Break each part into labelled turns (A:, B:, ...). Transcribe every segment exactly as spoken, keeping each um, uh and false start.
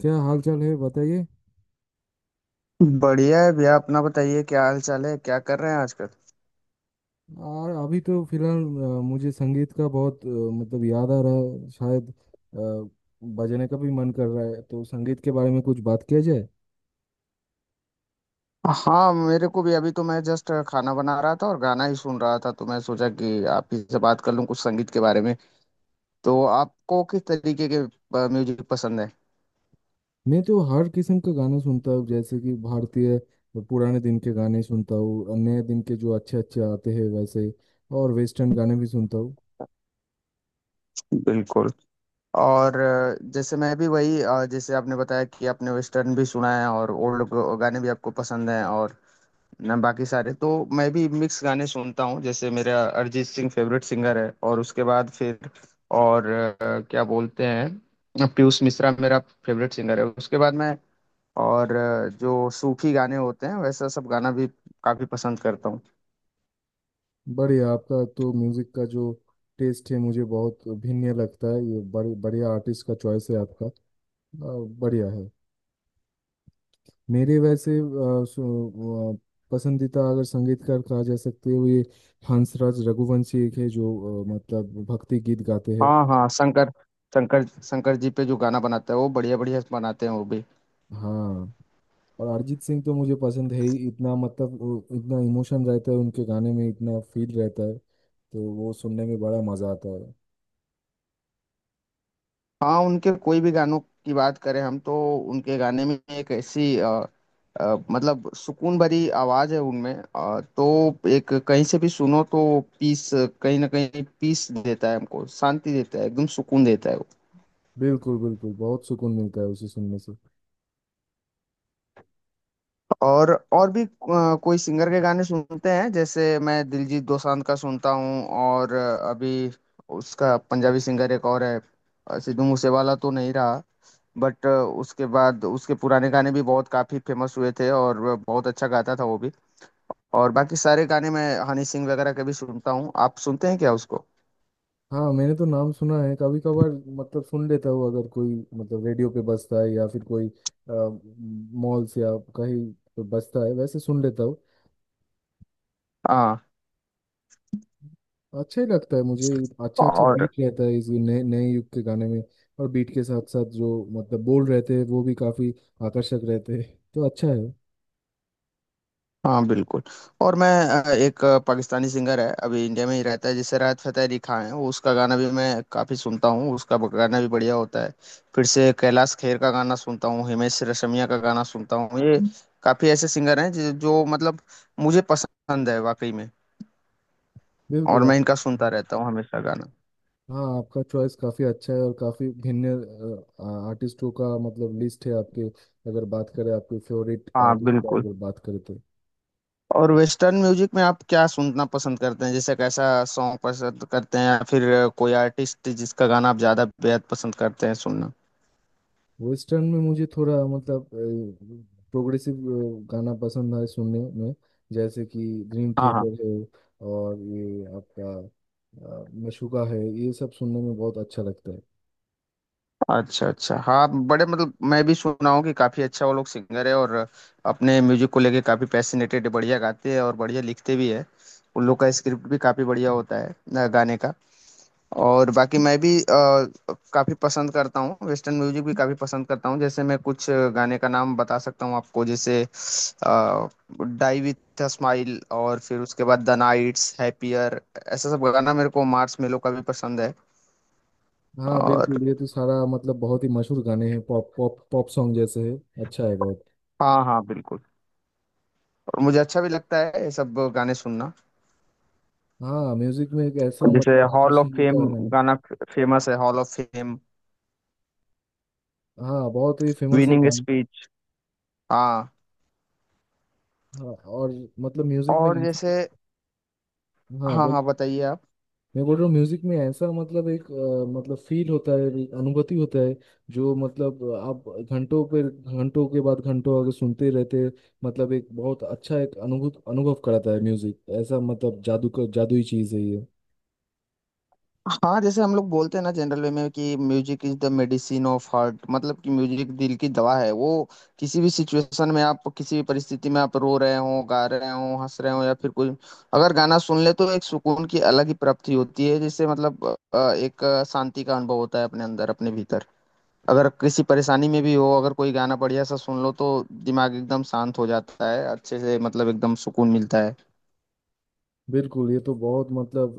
A: क्या हाल चाल है बताइए।
B: बढ़िया है भैया, अपना बताइए, क्या हाल चाल है? क्या कर रहे हैं आजकल?
A: और अभी तो फिलहाल अ, मुझे संगीत का बहुत अ, मतलब याद आ रहा है शायद। अ, बजाने का भी मन कर रहा है, तो संगीत के बारे में कुछ बात किया जाए।
B: हाँ, मेरे को भी। अभी तो मैं जस्ट खाना बना रहा था और गाना ही सुन रहा था, तो मैं सोचा कि आप ही से बात कर लूं कुछ संगीत के बारे में। तो आपको किस तरीके के अ, म्यूजिक पसंद है?
A: मैं तो हर किस्म का गाना सुनता हूँ, जैसे कि भारतीय पुराने दिन के गाने सुनता हूँ, नए दिन के जो अच्छे अच्छे आते हैं वैसे, और वेस्टर्न गाने भी सुनता हूँ।
B: बिल्कुल। और अ, जैसे मैं भी वही, अ, जैसे आपने बताया कि आपने वेस्टर्न भी सुना है और ओल्ड गाने भी आपको पसंद हैं, और ना बाकी सारे तो मैं भी मिक्स गाने सुनता हूँ। जैसे मेरा अरिजीत सिंह फेवरेट सिंगर है, और उसके बाद फिर और अ, क्या बोलते हैं, पीयूष मिश्रा मेरा फेवरेट सिंगर है। उसके बाद मैं और अ, जो सूफी गाने होते हैं वैसा सब गाना भी काफी पसंद करता हूँ।
A: बढ़िया, आपका तो म्यूजिक का जो टेस्ट है मुझे बहुत भिन्न लगता है। ये बड़े बढ़िया आर्टिस्ट का चॉइस है आपका। अ, बढ़िया है। मेरे वैसे अ, सो- वो, अ, पसंदीदा अगर संगीतकार कहा जा सकते हैं वो ये हंसराज रघुवंशी एक है, जो अ, मतलब भक्ति गीत गाते हैं।
B: हाँ हाँ, शंकर शंकर शंकर जी पे जो गाना बनाता है वो, बढ़िया बढ़िया बनाते हैं वो भी।
A: हाँ। और अरिजीत सिंह तो मुझे पसंद है ही इतना, मतलब वो इतना इमोशन रहता है उनके गाने में, इतना फील रहता है, तो वो सुनने में बड़ा मजा आता है।
B: हाँ, उनके कोई भी गानों की बात करें हम तो, उनके गाने में एक ऐसी अ, अ, मतलब सुकून भरी आवाज है उनमें, अ, तो एक कहीं से भी सुनो तो पीस, कहीं ना कहीं पीस देता है, हमको शांति देता है, एकदम सुकून देता है वो।
A: बिल्कुल, बिल्कुल, बहुत सुकून मिलता है उसे सुनने से।
B: और और भी अ, कोई सिंगर के गाने सुनते हैं, जैसे मैं दिलजीत दोसांझ का सुनता हूँ। और अ, अभी उसका पंजाबी सिंगर एक और है, अ, सिद्धू मूसेवाला तो नहीं रहा, बट उसके बाद उसके पुराने गाने भी बहुत काफी फेमस हुए थे, और वह बहुत अच्छा गाता था वो भी। और बाकी सारे गाने मैं हनी सिंह वगैरह के भी सुनता हूँ। आप सुनते हैं क्या उसको?
A: हाँ, मैंने तो नाम सुना है कभी कभार, मतलब सुन लेता हूँ अगर कोई मतलब रेडियो पे बजता है या फिर कोई मॉल से या कहीं पे बजता है, वैसे सुन लेता हूँ।
B: हाँ।
A: अच्छा ही लगता है मुझे। अच्छा अच्छा बीट
B: और
A: रहता है इस नए नए युग के गाने में। और बीट के साथ साथ जो मतलब बोल रहते हैं वो भी काफी आकर्षक रहते हैं, तो अच्छा है।
B: हाँ बिल्कुल। और मैं अ, एक अ, पाकिस्तानी सिंगर है, अभी इंडिया में ही रहता है, जिसे राहत फतेह अली खान है, वो उसका गाना भी मैं काफी सुनता हूँ। उसका गाना भी बढ़िया होता है। फिर से कैलाश खेर का गाना सुनता हूँ, हिमेश रेशमिया का गाना सुनता हूँ। ये काफी ऐसे सिंगर हैं जो जो मतलब मुझे पसंद है वाकई में। और
A: बिल्कुल।
B: मैं
A: आप।
B: इनका सुनता रहता हूँ हमेशा गाना।
A: हाँ, आपका चॉइस काफ़ी अच्छा है और काफ़ी भिन्न अ, आ- आर्टिस्टों का मतलब लिस्ट है आपके। अगर बात करें आपके फेवरेट
B: हाँ
A: आर्टिस्ट का,
B: बिल्कुल।
A: अगर बात करें तो।
B: और वेस्टर्न म्यूजिक में आप क्या सुनना पसंद करते हैं? जैसे कैसा सॉन्ग पसंद करते हैं, या फिर कोई आर्टिस्ट जिसका गाना आप ज्यादा बेहद पसंद करते हैं सुनना?
A: वेस्टर्न में मुझे थोड़ा मतलब प्रोग्रेसिव गाना पसंद है सुनने में, जैसे कि ड्रीम
B: हाँ हाँ।
A: थिएटर है और ये आपका अ, मशूका है। ये सब सुनने में बहुत अच्छा लगता है।
B: अच्छा अच्छा, हाँ, बड़े, मतलब मैं भी सुना हूँ कि काफी अच्छा वो लोग सिंगर है, और अपने म्यूजिक को लेके काफी पैसिनेटेड, बढ़िया गाते हैं और बढ़िया लिखते भी है। उन लोग का स्क्रिप्ट भी काफी बढ़िया होता है, अ, गाने का। और बाकी मैं भी अ, काफी पसंद करता हूँ, वेस्टर्न म्यूजिक भी काफी पसंद करता हूँ। जैसे मैं कुछ गाने का नाम बता सकता हूँ आपको, जैसे डाई विथ अ स्माइल, और फिर उसके बाद द नाइट्स हैप्पियर, ऐसा सब गाना मेरे को, मार्स मेलो का भी पसंद है।
A: हाँ
B: और
A: बिल्कुल, ये तो सारा मतलब बहुत ही मशहूर गाने हैं, पॉप पॉप पॉप सॉन्ग जैसे है। अच्छा है बहुत।
B: हाँ हाँ बिल्कुल। और मुझे अच्छा भी लगता है ये सब गाने सुनना।
A: हाँ, म्यूजिक में एक ऐसा
B: जैसे
A: मतलब
B: हॉल ऑफ
A: आकर्षण होता
B: फेम,
A: है ना।
B: गाना फेमस है हॉल ऑफ फेम,
A: हाँ बहुत ही फेमस है
B: विनिंग
A: गाना।
B: स्पीच। हाँ,
A: हाँ, और मतलब म्यूजिक में
B: और
A: ऐसा।
B: जैसे।
A: हाँ,
B: हाँ
A: बोल।
B: हाँ, बताइए आप।
A: मैं बोल रहा हूँ, म्यूजिक में ऐसा मतलब एक अ, मतलब फील होता है, एक अनुभूति होता है, जो मतलब आप घंटों पर घंटों के बाद घंटों आगे सुनते रहते, मतलब एक बहुत अच्छा एक अनुभूत अनुभव कराता है म्यूजिक, ऐसा मतलब जादू का जादुई चीज है ये।
B: हाँ, जैसे हम लोग बोलते हैं ना जनरल वे में कि music is the medicine of heart, मतलब कि म्यूजिक दिल की दवा है वो। किसी भी सिचुएशन में, आप किसी भी परिस्थिति में आप रो रहे हो, गा रहे हो, हंस रहे हो, या फिर कुछ, अगर गाना सुन ले तो एक सुकून की अलग ही प्राप्ति होती है, जिससे मतलब अ, एक शांति का अनुभव होता है अपने अंदर, अपने भीतर। अगर किसी परेशानी में भी हो, अगर कोई गाना बढ़िया सा सुन लो, तो दिमाग एकदम शांत हो जाता है अच्छे से, मतलब एकदम सुकून मिलता है।
A: बिल्कुल, ये तो बहुत मतलब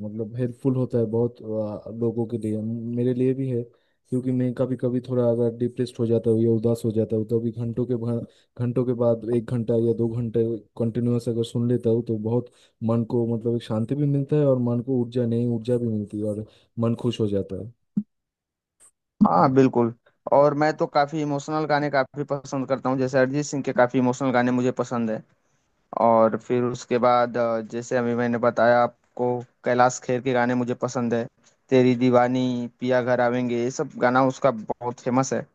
A: अ, मतलब हेल्पफुल होता है बहुत अ, लोगों के लिए, मेरे लिए भी है। क्योंकि मैं कभी कभी थोड़ा अगर डिप्रेस्ड हो जाता हूँ या उदास हो जाता हूँ, तो अभी घंटों के भा- घंटों के बाद एक घंटा या दो घंटे कंटिन्यूअस अगर सुन लेता हूँ तो बहुत मन को मतलब एक शांति भी मिलता है, और मन को ऊर्जा, नई ऊर्जा भी मिलती है, और मन खुश हो जाता है।
B: हाँ बिल्कुल। और मैं तो काफी इमोशनल गाने काफी पसंद करता हूँ, जैसे अरिजीत सिंह के काफी इमोशनल गाने मुझे पसंद है। और फिर उसके बाद अ, जैसे अभी मैंने बताया आपको, कैलाश खेर के गाने मुझे पसंद है, तेरी दीवानी, पिया घर आवेंगे, ये सब गाना उसका बहुत फेमस है।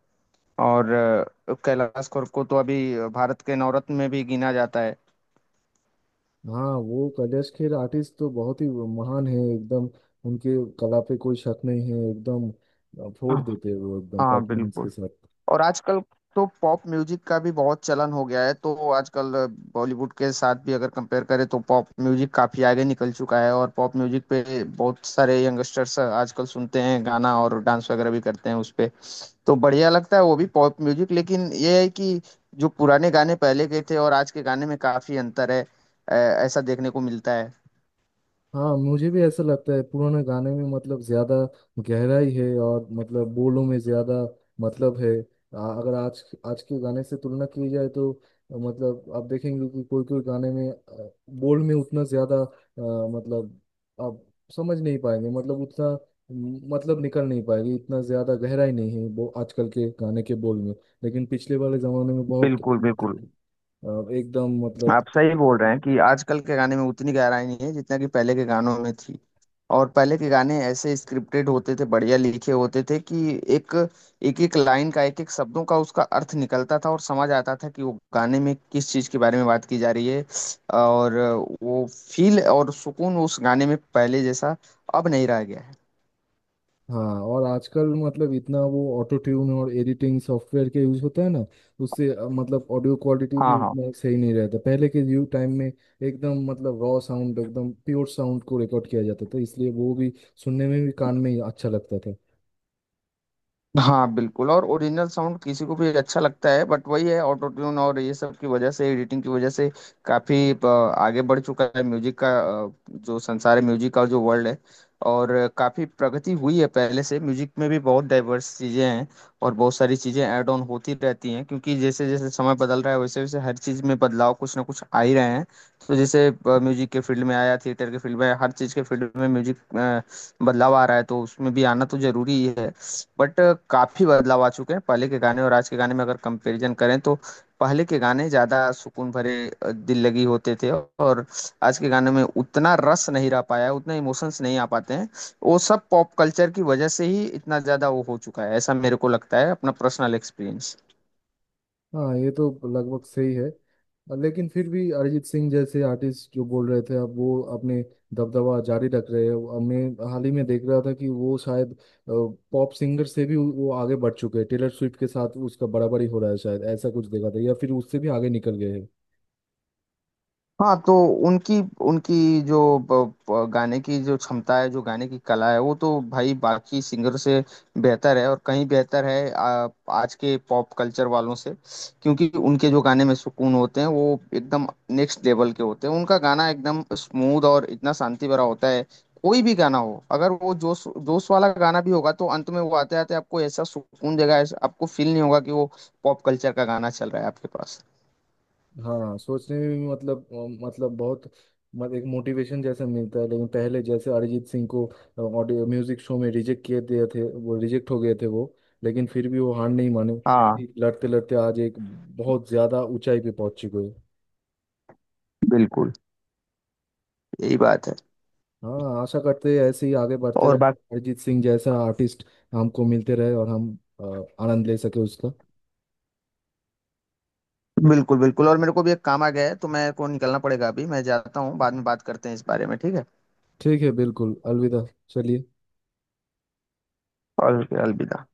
B: और अ, कैलाश खेर को तो अभी भारत के नवरत्न में भी गिना जाता है।
A: हाँ वो कैलाश खेर आर्टिस्ट तो बहुत ही महान है एकदम। उनके कला पे कोई शक नहीं है एकदम। अ, फोड़
B: हाँ
A: देते हैं वो एकदम
B: हाँ
A: परफॉर्मेंस के
B: बिल्कुल।
A: साथ।
B: और आजकल तो पॉप म्यूजिक का भी बहुत चलन हो गया है। तो आजकल बॉलीवुड के साथ भी अगर कंपेयर करें तो पॉप म्यूजिक काफी आगे निकल चुका है, और पॉप म्यूजिक पे बहुत सारे यंगस्टर्स आजकल सुनते हैं गाना और डांस वगैरह भी करते हैं उस पे। तो बढ़िया लगता है वो भी पॉप म्यूजिक, लेकिन ये है कि जो पुराने गाने पहले के थे और आज के गाने में काफी अंतर है, अ, ऐसा देखने को मिलता है।
A: हाँ, मुझे भी ऐसा लगता है, पुराने गाने में मतलब ज्यादा गहराई है, और मतलब बोलों में ज्यादा मतलब है। आ- अगर आज आज के गाने से तुलना की जाए तो अ, मतलब आप देखेंगे कि कोई कोई गाने में अ, बोल में उतना ज्यादा अ, मतलब आप समझ नहीं पाएंगे मतलब उतना म, मतलब निकल नहीं पाएगी, इतना ज्यादा गहराई नहीं है वो आजकल के गाने के बोल में। लेकिन पिछले वाले जमाने में बहुत
B: बिल्कुल बिल्कुल।
A: अ, एकदम मतलब।
B: आप सही बोल रहे हैं कि आजकल के गाने में उतनी गहराई नहीं है जितना कि पहले के गानों में थी। और पहले के गाने ऐसे स्क्रिप्टेड होते थे, बढ़िया लिखे होते थे कि एक एक एक लाइन का, एक एक शब्दों का उसका अर्थ निकलता था और समझ आता था कि वो गाने में किस चीज़ के बारे में बात की जा रही है। और वो फील और सुकून उस गाने में पहले जैसा अब नहीं रह गया है।
A: हाँ और आजकल मतलब इतना वो ऑटो ट्यून और एडिटिंग सॉफ्टवेयर के यूज होता है ना, उससे अ, मतलब ऑडियो क्वालिटी भी
B: हाँ हाँ।
A: उतना सही नहीं रहता। पहले के व्यू टाइम में एकदम मतलब रॉ साउंड, एकदम प्योर साउंड को रिकॉर्ड किया जाता था, इसलिए वो भी सुनने में भी कान में ही अच्छा लगता था।
B: हाँ बिल्कुल। और ओरिजिनल साउंड किसी को भी अच्छा लगता है, बट वही है, ऑटो ट्यून और ये सब की वजह से, एडिटिंग की वजह से काफी अ, आगे बढ़ चुका है म्यूजिक का, अ, जो संसार है म्यूजिक का, जो वर्ल्ड है। और अ, काफी प्रगति हुई है पहले से। म्यूजिक में भी बहुत डाइवर्स चीजें हैं, और बहुत सारी चीजें ऐड ऑन होती रहती हैं, क्योंकि जैसे जैसे समय बदल रहा है वैसे वैसे हर चीज में बदलाव कुछ ना कुछ आ ही रहे हैं। तो जैसे म्यूजिक के फील्ड में आया, थिएटर के फील्ड में आया, हर चीज के फील्ड में म्यूजिक बदलाव आ रहा है, तो उसमें भी आना तो जरूरी ही है। बट काफी बदलाव आ चुके हैं पहले के गाने और आज के गाने में, अगर कंपैरिजन करें तो। पहले के गाने ज्यादा सुकून भरे, अ, दिल लगी होते थे, और आज के गाने में उतना रस नहीं रह पाया है, उतना इमोशंस नहीं आ पाते हैं। वो सब पॉप कल्चर की वजह से ही इतना ज्यादा वो हो चुका है, ऐसा मेरे को लगता है, अपना पर्सनल एक्सपीरियंस।
A: हाँ ये तो लगभग सही है, लेकिन फिर भी अरिजीत सिंह जैसे आर्टिस्ट जो बोल रहे थे, अब वो अपने दबदबा जारी रख रहे हैं। अब मैं हाल ही में देख रहा था कि वो शायद पॉप सिंगर से भी वो आगे बढ़ चुके हैं, टेलर स्विफ्ट के साथ उसका बराबरी हो रहा है शायद, ऐसा कुछ देखा था, या फिर उससे भी आगे निकल गए हैं।
B: हाँ तो उनकी उनकी जो ब- ब- गाने की जो क्षमता है, जो गाने की कला है, वो तो भाई बाकी सिंगर से बेहतर है, और कहीं बेहतर है आ, आज के पॉप कल्चर वालों से। क्योंकि उनके जो गाने में सुकून होते हैं वो एकदम नेक्स्ट लेवल के होते हैं। उनका गाना एकदम स्मूथ और इतना शांति भरा होता है, कोई भी गाना हो। अगर वो जोश जोश वाला गाना भी होगा तो अंत में वो आते आते आपको ऐसा सुकून देगा, ऐसा आपको फील नहीं होगा कि वो पॉप कल्चर का गाना चल रहा है आपके पास।
A: हाँ सोचने में भी मतलब अ, मतलब बहुत मत एक मोटिवेशन जैसा मिलता है। लेकिन पहले जैसे अरिजीत सिंह को अ, ऑडियो म्यूजिक शो में रिजेक्ट किए दिए थे, वो रिजेक्ट हो गए थे वो, लेकिन फिर भी वो हार नहीं माने
B: हाँ
A: जी। लड़ते लड़ते आज एक बहुत ज्यादा ऊंचाई पे पहुंच चुके हैं।
B: बिल्कुल, यही बात है।
A: हाँ आशा करते हैं ऐसे ही आगे बढ़ते रहे,
B: और बाकी
A: अरिजीत सिंह जैसा आर्टिस्ट हमको मिलते रहे और हम अ, आनंद ले सके उसका।
B: बिल्कुल बिल्कुल। और मेरे को भी एक काम आ गया है, तो मैं को निकलना पड़ेगा अभी। मैं जाता हूँ, बाद में बात करते हैं इस बारे में, ठीक है?
A: ठीक है, बिल्कुल, अलविदा। चलिए।
B: और अलविदा।